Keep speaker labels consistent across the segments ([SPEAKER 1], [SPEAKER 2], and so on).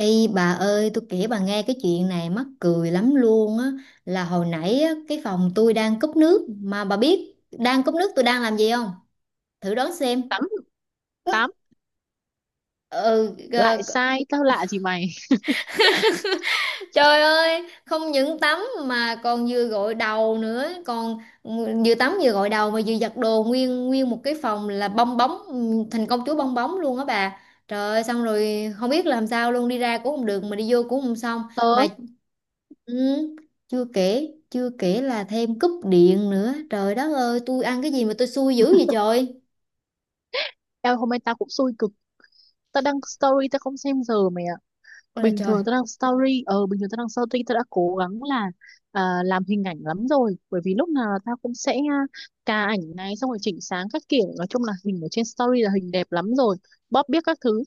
[SPEAKER 1] Ê bà ơi, tôi kể bà nghe cái chuyện này mắc cười lắm luôn á. Là hồi nãy á, cái phòng tôi đang cúp nước mà bà biết đang cúp nước tôi đang làm gì không? Thử đoán xem.
[SPEAKER 2] Tám. Tám.
[SPEAKER 1] Ừ,
[SPEAKER 2] Lại sai, tao lạ gì mày.
[SPEAKER 1] trời ơi, không những tắm mà còn vừa gội đầu nữa, còn vừa tắm vừa gội đầu mà vừa giặt đồ, nguyên nguyên một cái phòng là bong bóng, thành công chúa bong bóng luôn á bà. Trời ơi, xong rồi không biết làm sao luôn, đi ra cũng không được mà đi vô cũng không xong
[SPEAKER 2] tớ
[SPEAKER 1] mà. Ừ, Chưa kể, là thêm cúp điện nữa. Trời đất ơi, tôi ăn cái gì mà tôi xui dữ vậy trời.
[SPEAKER 2] em hôm nay tao cũng xui cực. Tao đăng story tao không xem giờ mày ạ.
[SPEAKER 1] Ôi là
[SPEAKER 2] Bình
[SPEAKER 1] trời.
[SPEAKER 2] thường tao đăng story, bình thường tao đăng story tao đã cố gắng là, làm hình ảnh lắm rồi, bởi vì lúc nào tao cũng sẽ, cà ảnh này xong rồi chỉnh sáng các kiểu, nói chung là hình ở trên story là hình đẹp lắm rồi, bóp biết các thứ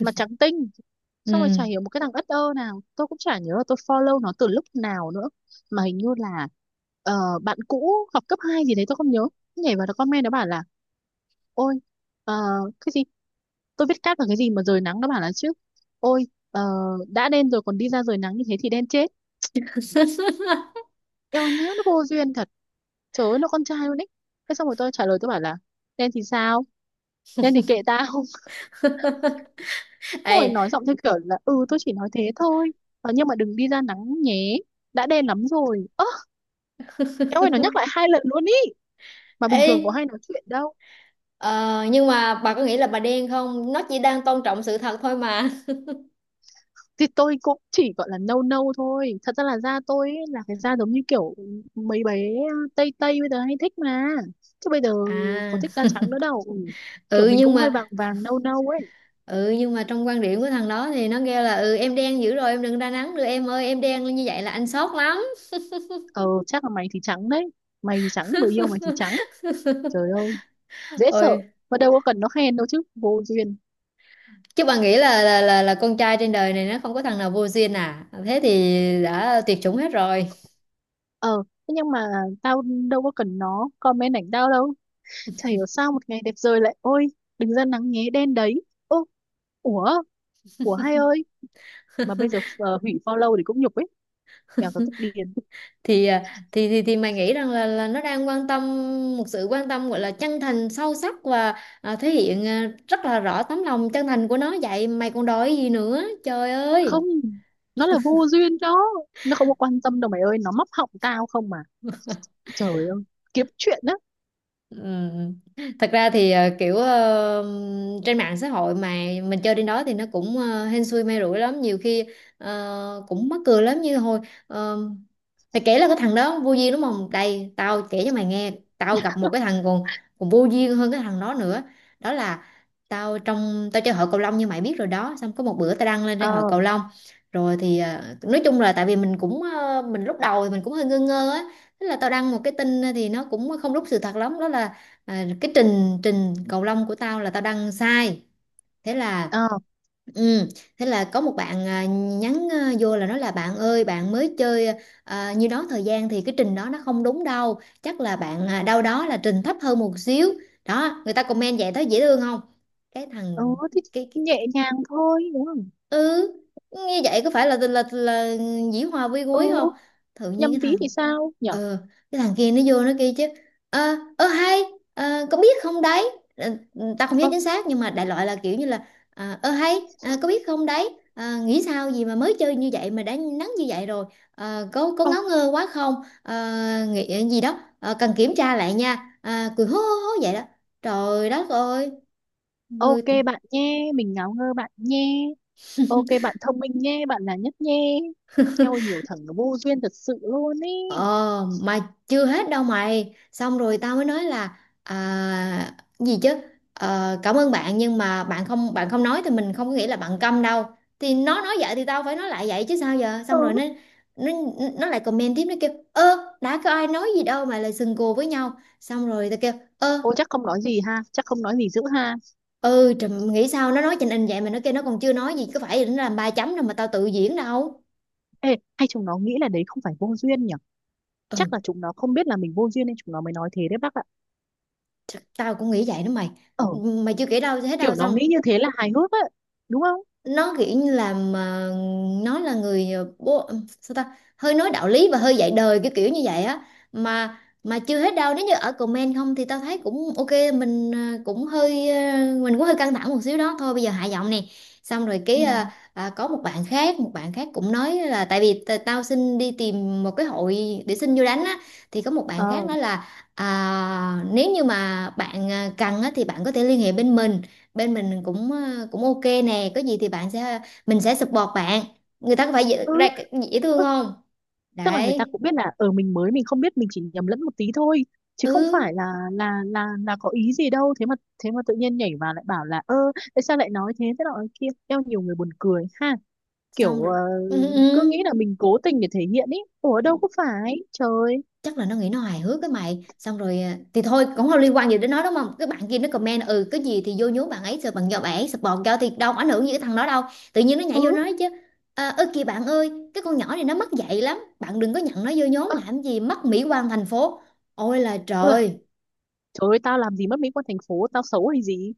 [SPEAKER 2] mà trắng tinh. Xong rồi chả
[SPEAKER 1] Ừ.
[SPEAKER 2] hiểu một cái thằng ất ơ nào, tôi cũng chả nhớ là tôi follow nó từ lúc nào nữa, mà hình như là, bạn cũ học cấp 2 gì đấy tôi không nhớ, nhảy vào nó comment, nó bảo là ôi, ờ, cái gì, tôi viết cát là cái gì mà rời nắng. Nó bảo là chứ ôi, đã đen rồi còn đi ra rời nắng như thế thì đen chết. Eo má, nó vô duyên thật. Trời ơi, nó con trai luôn ấy. Thế xong rồi tôi trả lời, tôi bảo là đen thì sao, đen thì kệ tao. Rồi
[SPEAKER 1] Ê,
[SPEAKER 2] nói giọng theo kiểu là ừ tôi chỉ nói thế thôi. Nhưng mà đừng đi ra nắng nhé, đã đen lắm rồi. Ơ em ơi, nó nhắc lại hai lần luôn ý, mà bình
[SPEAKER 1] ê,
[SPEAKER 2] thường có hay nói chuyện đâu.
[SPEAKER 1] ờ, nhưng mà bà có nghĩ là bà đen không? Nó chỉ đang tôn trọng sự thật thôi mà.
[SPEAKER 2] Thì tôi cũng chỉ gọi là nâu nâu thôi, thật ra là da tôi ý, là cái da giống như kiểu mấy bé tây tây bây giờ hay thích mà, chứ bây giờ có
[SPEAKER 1] À,
[SPEAKER 2] thích da trắng nữa đâu. Ừ. Kiểu
[SPEAKER 1] ừ
[SPEAKER 2] mình
[SPEAKER 1] nhưng
[SPEAKER 2] cũng
[SPEAKER 1] mà
[SPEAKER 2] hơi vàng vàng nâu nâu ấy.
[SPEAKER 1] trong quan điểm của thằng đó thì nó kêu là ừ em đen dữ rồi em đừng ra nắng nữa em ơi, em đen như vậy là anh sốt lắm.
[SPEAKER 2] Ờ Chắc là mày thì trắng đấy, mày thì trắng, người yêu mày thì trắng. Trời ơi, dễ sợ.
[SPEAKER 1] Ôi,
[SPEAKER 2] Mà đâu có cần nó khen đâu chứ, vô duyên.
[SPEAKER 1] chứ bà nghĩ là con trai trên đời này nó không có thằng nào vô duyên à? Thế thì đã tuyệt chủng hết rồi.
[SPEAKER 2] Ờ, thế nhưng mà tao đâu có cần nó comment ảnh tao đâu. Chả hiểu sao một ngày đẹp trời lại ôi, đừng ra nắng nhé, đen đấy. Ô, ủa, ủa hay ơi. Mà bây giờ hủy follow thì cũng nhục ấy. Kẻo tao tức điên.
[SPEAKER 1] Thì à, thì thì, thì mày nghĩ rằng là nó đang quan tâm, một sự quan tâm gọi là chân thành sâu sắc và thể hiện rất là rõ tấm lòng chân thành của nó, vậy mày còn đòi gì nữa trời ơi.
[SPEAKER 2] Không, nó là vô duyên đó. Nó không có quan tâm đâu mày ơi, nó móc họng tao không mà. Trời ơi, kiếm chuyện á.
[SPEAKER 1] Ừ. Thật ra thì kiểu trên mạng xã hội mà mình chơi trên đó thì nó cũng hên xui may rủi lắm. Nhiều khi cũng mắc cười lắm, như hồi ờ, mày kể là cái thằng đó vô duyên đúng không, đây tao kể cho mày nghe. Tao gặp một cái thằng còn còn vô duyên hơn cái thằng đó nữa. Đó là tao chơi hội cầu lông như mày biết rồi đó, xong có một bữa tao đăng lên trên
[SPEAKER 2] Ờ.
[SPEAKER 1] hội cầu lông, rồi thì nói chung là tại vì mình cũng ờ, mình lúc đầu thì mình cũng hơi ngơ ngơ á. Thế là tao đăng một cái tin, thì nó cũng không đúng sự thật lắm, đó là cái trình trình cầu lông của tao là tao đăng sai. thế là
[SPEAKER 2] Ờ.
[SPEAKER 1] ừ, thế là có một bạn nhắn vô là nói là bạn ơi, bạn mới chơi nhiêu đó thời gian thì cái trình đó nó không đúng đâu, chắc là bạn đâu đó là trình thấp hơn một xíu đó. Người ta comment vậy thấy dễ thương không? Cái
[SPEAKER 2] Ờ.
[SPEAKER 1] thằng,
[SPEAKER 2] Thì
[SPEAKER 1] cái
[SPEAKER 2] nhẹ nhàng thôi, đúng không?
[SPEAKER 1] ừ như vậy có phải là dĩ hòa vi
[SPEAKER 2] Ừ,
[SPEAKER 1] quý không? Tự nhiên
[SPEAKER 2] nhầm tí thì sao nhở?
[SPEAKER 1] ờ cái thằng kia nó vô nó kêu chứ ờ hay, có biết không đấy. Tao không nhớ
[SPEAKER 2] Ờ.
[SPEAKER 1] chính xác nhưng mà đại loại là kiểu như là hay, có biết không đấy. Nghĩ sao gì mà mới chơi như vậy mà đã nắng như vậy rồi. Có
[SPEAKER 2] Ờ.
[SPEAKER 1] ngáo ngơ quá không. Ờ, Nghĩ gì đó. Ờ, Cần kiểm tra lại nha. Ờ, Cười hố hố hố vậy đó. Trời đất ơi, người.
[SPEAKER 2] Ok bạn nhé, mình ngáo ngơ bạn nhé. Ok bạn thông minh nhé, bạn là nhất nhé. Eo ơi, nhiều thằng nó vô duyên thật sự luôn ý.
[SPEAKER 1] Ờ mà chưa hết đâu mày. Xong rồi tao mới nói là gì chứ, cảm ơn bạn, nhưng mà bạn không nói thì mình không có nghĩ là bạn câm đâu. Thì nó nói vậy thì tao phải nói lại vậy chứ sao giờ. Xong
[SPEAKER 2] Ừ.
[SPEAKER 1] rồi nó, nó lại comment tiếp. Nó kêu ơ, đã có ai nói gì đâu mà lại sừng cù với nhau. Xong rồi tao kêu ơ,
[SPEAKER 2] Ô, chắc không nói gì ha, chắc không nói gì dữ ha.
[SPEAKER 1] ừ trùm, nghĩ sao nó nói trình in vậy mà nó kêu nó còn chưa nói gì, có phải nó làm ba chấm đâu mà tao tự diễn đâu.
[SPEAKER 2] Ê, hay chúng nó nghĩ là đấy không phải vô duyên nhỉ? Chắc
[SPEAKER 1] Ừ,
[SPEAKER 2] là chúng nó không biết là mình vô duyên nên chúng nó mới nói thế đấy bác ạ.
[SPEAKER 1] chắc tao cũng nghĩ vậy đó mày.
[SPEAKER 2] Ờ,
[SPEAKER 1] Mày chưa kể đâu hết đâu.
[SPEAKER 2] kiểu nó nghĩ
[SPEAKER 1] Xong
[SPEAKER 2] như thế là hài hước á, đúng không?
[SPEAKER 1] nó kiểu như là mà nó là người, bố sao ta, hơi nói đạo lý và hơi dạy đời kiểu kiểu như vậy á. mà mà chưa hết đâu, nếu như ở comment không thì tao thấy cũng ok, mình cũng hơi ờ, mình cũng hơi căng thẳng một xíu đó thôi, bây giờ hạ giọng nè. Xong rồi
[SPEAKER 2] Ừ.
[SPEAKER 1] cái có một bạn khác, cũng nói là tại vì tao xin đi tìm một cái hội để xin vô đánh á, thì có một bạn khác
[SPEAKER 2] Ờ.
[SPEAKER 1] nói là nếu như mà bạn cần á, thì bạn có thể liên hệ bên mình, bên mình cũng cũng ok nè, có gì thì bạn sẽ mình sẽ support bạn. Người ta có phải
[SPEAKER 2] Ừ.
[SPEAKER 1] dễ thương
[SPEAKER 2] Ừ.
[SPEAKER 1] không?
[SPEAKER 2] Tức là người ta
[SPEAKER 1] Đấy.
[SPEAKER 2] cũng biết là ở mình mới, mình không biết, mình chỉ nhầm lẫn một tí thôi, chứ không phải
[SPEAKER 1] Ừ.
[SPEAKER 2] là có ý gì đâu. Thế mà thế mà tự nhiên nhảy vào lại bảo là ơ tại sao lại nói thế, thế nọ thế kia. Eo, nhiều người buồn cười ha.
[SPEAKER 1] Xong
[SPEAKER 2] Kiểu
[SPEAKER 1] rồi ừ, ừ.
[SPEAKER 2] cứ
[SPEAKER 1] ừ.
[SPEAKER 2] nghĩ là mình cố tình để thể hiện ý, ủa đâu có phải trời.
[SPEAKER 1] chắc là nó nghĩ nó hài hước cái mày. Xong rồi thì thôi cũng không liên quan gì đến nó đúng không, cái bạn kia nó comment ừ cái gì thì vô nhố bạn ấy rồi, bạn do bạn ấy support cho, thì đâu có ảnh hưởng gì cái thằng đó đâu. Tự nhiên nó nhảy vô
[SPEAKER 2] Ừ.
[SPEAKER 1] nói chứ ơ kìa bạn ơi, cái con nhỏ này nó mất dạy lắm, bạn đừng có nhận nó vô nhóm
[SPEAKER 2] Ơ,
[SPEAKER 1] làm gì mất mỹ quan thành phố. Ôi là
[SPEAKER 2] ôi là,
[SPEAKER 1] trời.
[SPEAKER 2] trời ơi tao làm gì mất mỹ quan thành phố, tao xấu hay gì.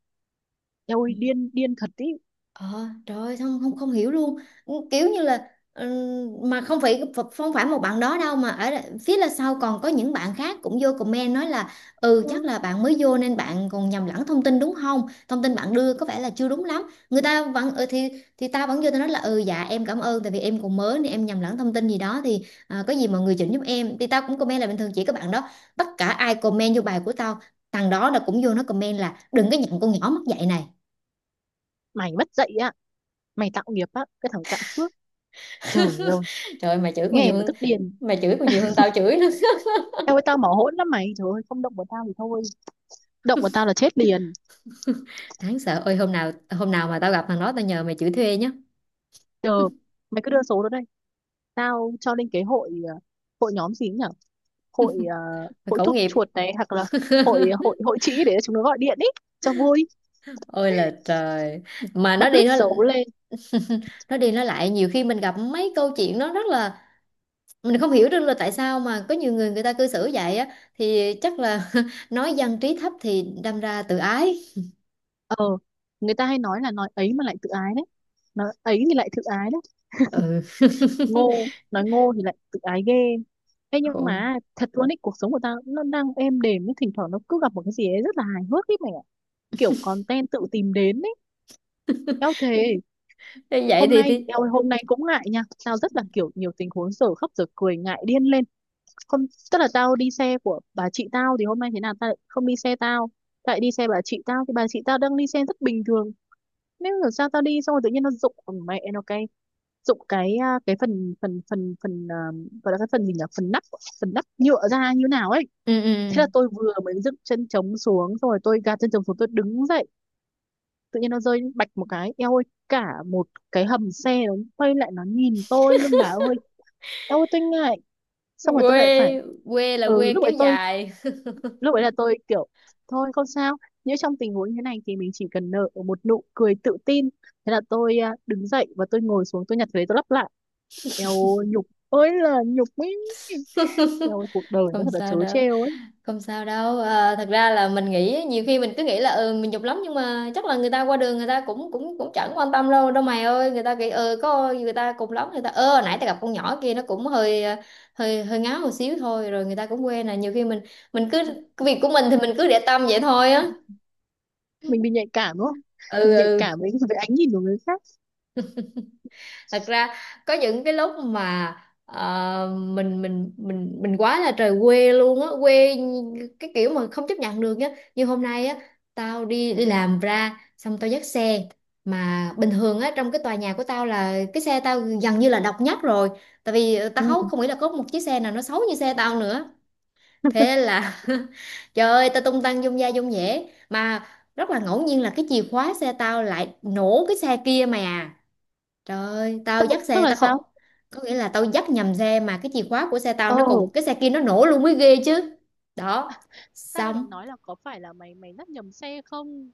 [SPEAKER 2] Eo ơi điên điên thật ý.
[SPEAKER 1] Ờ, trời ơi, không không không hiểu luôn. Ừ, kiểu như là mà không phải, không phải một bạn đó đâu, mà ở phía là sau còn có những bạn khác cũng vô comment nói là ừ chắc
[SPEAKER 2] Ừ.
[SPEAKER 1] là bạn mới vô nên bạn còn nhầm lẫn thông tin đúng không, thông tin bạn đưa có vẻ là chưa đúng lắm. Người ta vẫn ừ, thì tao vẫn vô tao nói là ừ dạ em cảm ơn, tại vì em còn mới nên em nhầm lẫn thông tin gì đó thì có gì mọi người chỉnh giúp em, thì tao cũng comment là bình thường chỉ các bạn đó, tất cả ai comment vô bài của tao. Thằng đó là cũng vô nó comment là đừng có nhận con nhỏ mất dạy này.
[SPEAKER 2] Mày mất dạy ạ, mày tạo nghiệp á cái thằng cạn phước. Trời ơi,
[SPEAKER 1] Trời ơi, mày chửi còn
[SPEAKER 2] nghe
[SPEAKER 1] nhiều
[SPEAKER 2] mà
[SPEAKER 1] hơn,
[SPEAKER 2] tức điên.
[SPEAKER 1] mày chửi còn nhiều hơn tao chửi nữa.
[SPEAKER 2] Tao ơi tao mỏ hỗn lắm mày, trời ơi không động vào tao thì thôi, động vào tao là chết liền.
[SPEAKER 1] Đáng sợ. Ôi hôm nào, mà tao gặp thằng đó tao nhờ mày chửi thuê nhé.
[SPEAKER 2] Ờ, mày cứ đưa số đó đây, tao cho lên cái hội, hội nhóm gì nhỉ, hội,
[SPEAKER 1] Mày
[SPEAKER 2] hội
[SPEAKER 1] khẩu
[SPEAKER 2] thuốc
[SPEAKER 1] nghiệp.
[SPEAKER 2] chuột này, hoặc là hội hội hội trĩ để chúng nó gọi điện ý, cho vui,
[SPEAKER 1] Ôi là trời. Mà
[SPEAKER 2] public xấu lên.
[SPEAKER 1] nó đi nó lại, nhiều khi mình gặp mấy câu chuyện nó rất là, mình không hiểu được là tại sao mà có nhiều người người ta cư xử vậy á, thì chắc là nói dân trí thấp thì đâm ra tự ái.
[SPEAKER 2] Ờ, người ta hay nói là nói ấy mà lại tự ái đấy, nói ấy thì lại tự ái đấy,
[SPEAKER 1] Ừ.
[SPEAKER 2] ngô nói ngô thì lại tự ái ghê. Thế nhưng
[SPEAKER 1] Khổ.
[SPEAKER 2] mà thật luôn ý, cuộc sống của tao nó đang êm đềm nhưng thỉnh thoảng nó cứ gặp một cái gì ấy rất là hài hước ấy mày ạ. Kiểu content tự tìm đến ấy. Eo, thề.
[SPEAKER 1] Thế vậy
[SPEAKER 2] Hôm
[SPEAKER 1] thì
[SPEAKER 2] nay eo ơi, hôm nay cũng ngại nha, tao rất là kiểu nhiều tình huống dở khóc dở cười, ngại điên lên. Không, tức là tao đi xe của bà chị tao, thì hôm nay thế nào tao lại không đi xe tao, tại đi xe bà chị tao thì bà chị tao đang đi xe rất bình thường, nếu là sao tao đi xong rồi tự nhiên nó rụng, mẹ nó cái, rụng cái, cái phần phần phần phần à, gọi là cái phần gì nhỉ, phần nắp, phần nắp nhựa ra như nào ấy.
[SPEAKER 1] ừ ừ,
[SPEAKER 2] Thế là tôi vừa mới dựng chân chống xuống, xong rồi tôi gạt chân chống xuống, tôi đứng dậy, tự nhiên nó rơi bạch một cái, eo ơi cả một cái hầm xe nó quay lại nó nhìn tôi luôn bà ơi. Eo ơi tôi ngại. Xong rồi tôi lại phải,
[SPEAKER 1] quê, quê là quê
[SPEAKER 2] lúc
[SPEAKER 1] kéo
[SPEAKER 2] ấy tôi,
[SPEAKER 1] dài.
[SPEAKER 2] lúc ấy là tôi kiểu thôi không sao, nếu trong tình huống như thế này thì mình chỉ cần nở một nụ cười tự tin. Thế là tôi, đứng dậy và tôi ngồi xuống, tôi nhặt cái đấy tôi lắp lại. Eo ơi, nhục ơi là nhục ấy. Eo ơi, cuộc đời nó
[SPEAKER 1] Không
[SPEAKER 2] thật là
[SPEAKER 1] sao
[SPEAKER 2] trớ
[SPEAKER 1] đâu,
[SPEAKER 2] trêu ấy.
[SPEAKER 1] không sao đâu, thật ra là mình nghĩ nhiều khi mình cứ nghĩ là ừ, mình nhục lắm, nhưng mà chắc là người ta qua đường người ta cũng cũng cũng chẳng quan tâm đâu đâu mày ơi. Người ta nghĩ ờ có, người ta cùng lắm người ta ơ nãy ta gặp con nhỏ kia nó cũng hơi ờ, hơi hơi ngáo một xíu thôi, rồi người ta cũng quên. Là nhiều khi mình cứ cái việc của mình thì mình cứ để tâm vậy thôi á.
[SPEAKER 2] Mình bị nhạy cảm đúng không,
[SPEAKER 1] Ừ
[SPEAKER 2] mình nhạy
[SPEAKER 1] ừ.
[SPEAKER 2] cảm với với ánh nhìn của người khác.
[SPEAKER 1] Thật ra có những cái lúc mà mình quá là trời quê luôn á, quê cái kiểu mà không chấp nhận được á. Như hôm nay á, tao đi đi làm ra xong tao dắt xe, mà bình thường á trong cái tòa nhà của tao là cái xe tao gần như là độc nhất rồi, tại vì
[SPEAKER 2] Ừ.
[SPEAKER 1] không nghĩ là có một chiếc xe nào nó xấu như xe tao nữa. Thế là trời ơi tao tung tăng dung da dung dẻ mà, rất là ngẫu nhiên là cái chìa khóa xe tao lại nổ cái xe kia mày à. Trời ơi, tao
[SPEAKER 2] tức,
[SPEAKER 1] dắt
[SPEAKER 2] tức
[SPEAKER 1] xe
[SPEAKER 2] là
[SPEAKER 1] tao, không
[SPEAKER 2] sao?
[SPEAKER 1] có nghĩa là tao dắt nhầm xe mà cái chìa khóa của xe tao
[SPEAKER 2] Ờ.
[SPEAKER 1] nó còn cái xe kia nó nổ luôn mới ghê chứ. Đó.
[SPEAKER 2] Ta đang
[SPEAKER 1] Xong,
[SPEAKER 2] định nói là có phải là mày mày dắt nhầm xe không?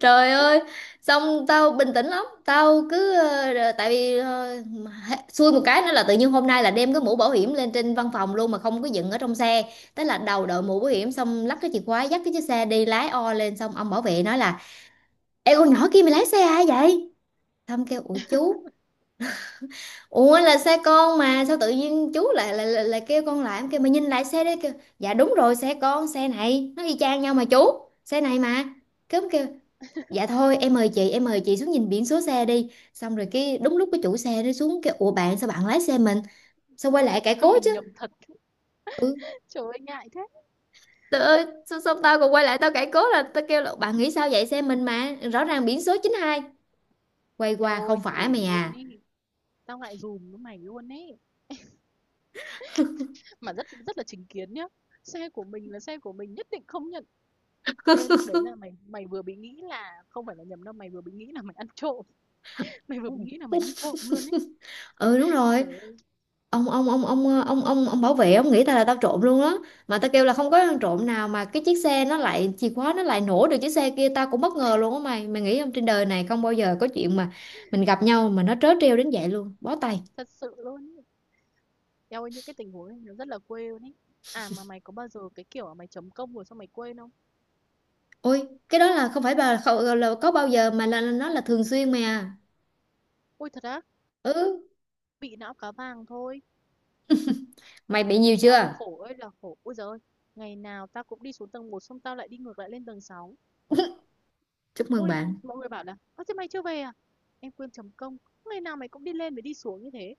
[SPEAKER 1] trời ơi, xong tao bình tĩnh lắm, tao cứ tại vì xui một cái nữa là tự nhiên hôm nay là đem cái mũ bảo hiểm lên trên văn phòng luôn mà không có dựng ở trong xe. Thế là đầu đội mũ bảo hiểm, xong lắc cái chìa khóa dắt cái chiếc xe đi lái o lên, xong ông bảo vệ nói là "Ê con nhỏ kia mày lái xe ai vậy?" Xong kêu "Ủa chú, ủa là xe con mà sao tự nhiên chú lại lại kêu con". Lại em kêu mà nhìn lại xe đấy kêu "dạ đúng rồi xe con, xe này nó y chang nhau mà chú, xe này mà". Cứ kêu "dạ thôi em mời chị, em mời chị xuống nhìn biển số xe đi". Xong rồi cái đúng lúc cái chủ xe nó xuống kêu "ủa bạn sao bạn lái xe mình". Sao quay lại cãi cố chứ.
[SPEAKER 2] Mình nhầm thật.
[SPEAKER 1] Ừ.
[SPEAKER 2] Trời ơi ngại thế.
[SPEAKER 1] Trời ơi, sao tao còn quay lại tao cãi cố, là tao kêu là bạn nghĩ sao vậy xe mình mà, rõ ràng biển số 92, quay
[SPEAKER 2] Eo
[SPEAKER 1] qua
[SPEAKER 2] ơi
[SPEAKER 1] không
[SPEAKER 2] thể
[SPEAKER 1] phải mày
[SPEAKER 2] luôn
[SPEAKER 1] à.
[SPEAKER 2] ý. Tao ngại dùm với mày luôn ý. Mà rất rất là chính kiến nhá. Xe của mình là xe của mình, nhất định không nhận. Ê lúc đấy là mày mày vừa bị nghĩ là không phải là nhầm đâu, mày vừa bị nghĩ là mày ăn trộm. Mày vừa bị nghĩ là mày ăn trộm luôn ấy.
[SPEAKER 1] Ừ đúng rồi.
[SPEAKER 2] Trời ơi,
[SPEAKER 1] Ông bảo vệ ông nghĩ tao là tao trộm luôn á, mà tao kêu là không có ăn trộm nào mà cái chiếc xe nó lại chìa khóa nó lại nổ được chiếc xe kia, tao cũng bất ngờ luôn á mày. Mày nghĩ không, trên đời này không bao giờ có chuyện mà mình gặp nhau mà nó trớ trêu đến vậy luôn, bó tay.
[SPEAKER 2] thật sự luôn ý. Eo ơi những cái tình huống này nó rất là quê luôn ý. À mà mày có bao giờ cái kiểu là mày chấm công rồi xong mày quên không?
[SPEAKER 1] Ôi cái đó là không phải bà không, là có bao giờ mà là nó là thường xuyên mày à.
[SPEAKER 2] Ôi thật á,
[SPEAKER 1] Ừ.
[SPEAKER 2] bị não cá vàng thôi.
[SPEAKER 1] Mày bị nhiều
[SPEAKER 2] Eo ơi
[SPEAKER 1] chưa?
[SPEAKER 2] khổ ơi là khổ. Ôi giời ơi, ngày nào tao cũng đi xuống tầng một, xong tao lại đi ngược lại lên tầng sáu.
[SPEAKER 1] Chúc mừng
[SPEAKER 2] Ôi,
[SPEAKER 1] bạn.
[SPEAKER 2] mọi người bảo là ơ thế mày chưa về à, em quên chấm công. Ngày nào mày cũng đi lên và đi xuống như thế.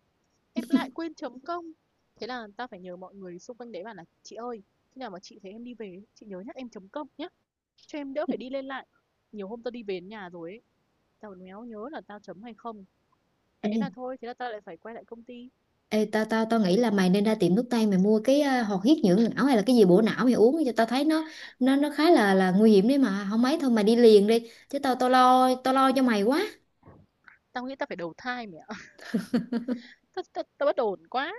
[SPEAKER 2] Em lại quên chấm công. Thế là tao phải nhờ mọi người xung quanh đấy bảo là chị ơi, khi nào mà chị thấy em đi về chị nhớ nhắc em chấm công nhé, cho em đỡ phải đi lên lại. Nhiều hôm tao đi về đến nhà rồi ấy, tao còn méo nhớ là tao chấm hay không.
[SPEAKER 1] Ê,
[SPEAKER 2] Thế là thôi, thế là tao lại phải quay lại công ty.
[SPEAKER 1] Ê, tao tao tao nghĩ là mày nên ra tiệm thuốc tây mày mua cái hoạt huyết dưỡng não hay là cái gì bổ não mày uống cho tao thấy, nó khá là nguy hiểm đấy, mà không mấy thôi mày đi liền đi chứ tao, tao lo cho mày quá.
[SPEAKER 2] Tao nghĩ tao phải đầu thai mẹ. Tao bất ổn quá.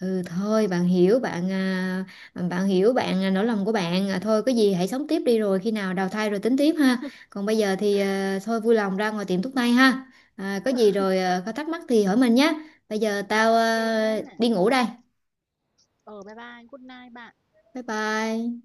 [SPEAKER 1] Ừ thôi, bạn hiểu bạn à, nỗi lòng của bạn à, thôi có gì hãy sống tiếp đi, rồi khi nào đào thai rồi tính tiếp ha. Còn bây giờ thì thôi vui lòng ra ngoài tiệm thuốc tây ha. Có gì rồi có thắc mắc thì hỏi mình nhé. Bây giờ tao
[SPEAKER 2] Ok nhá.
[SPEAKER 1] đi ngủ đây.
[SPEAKER 2] Ờ bye bye, good night bạn.
[SPEAKER 1] Bye bye.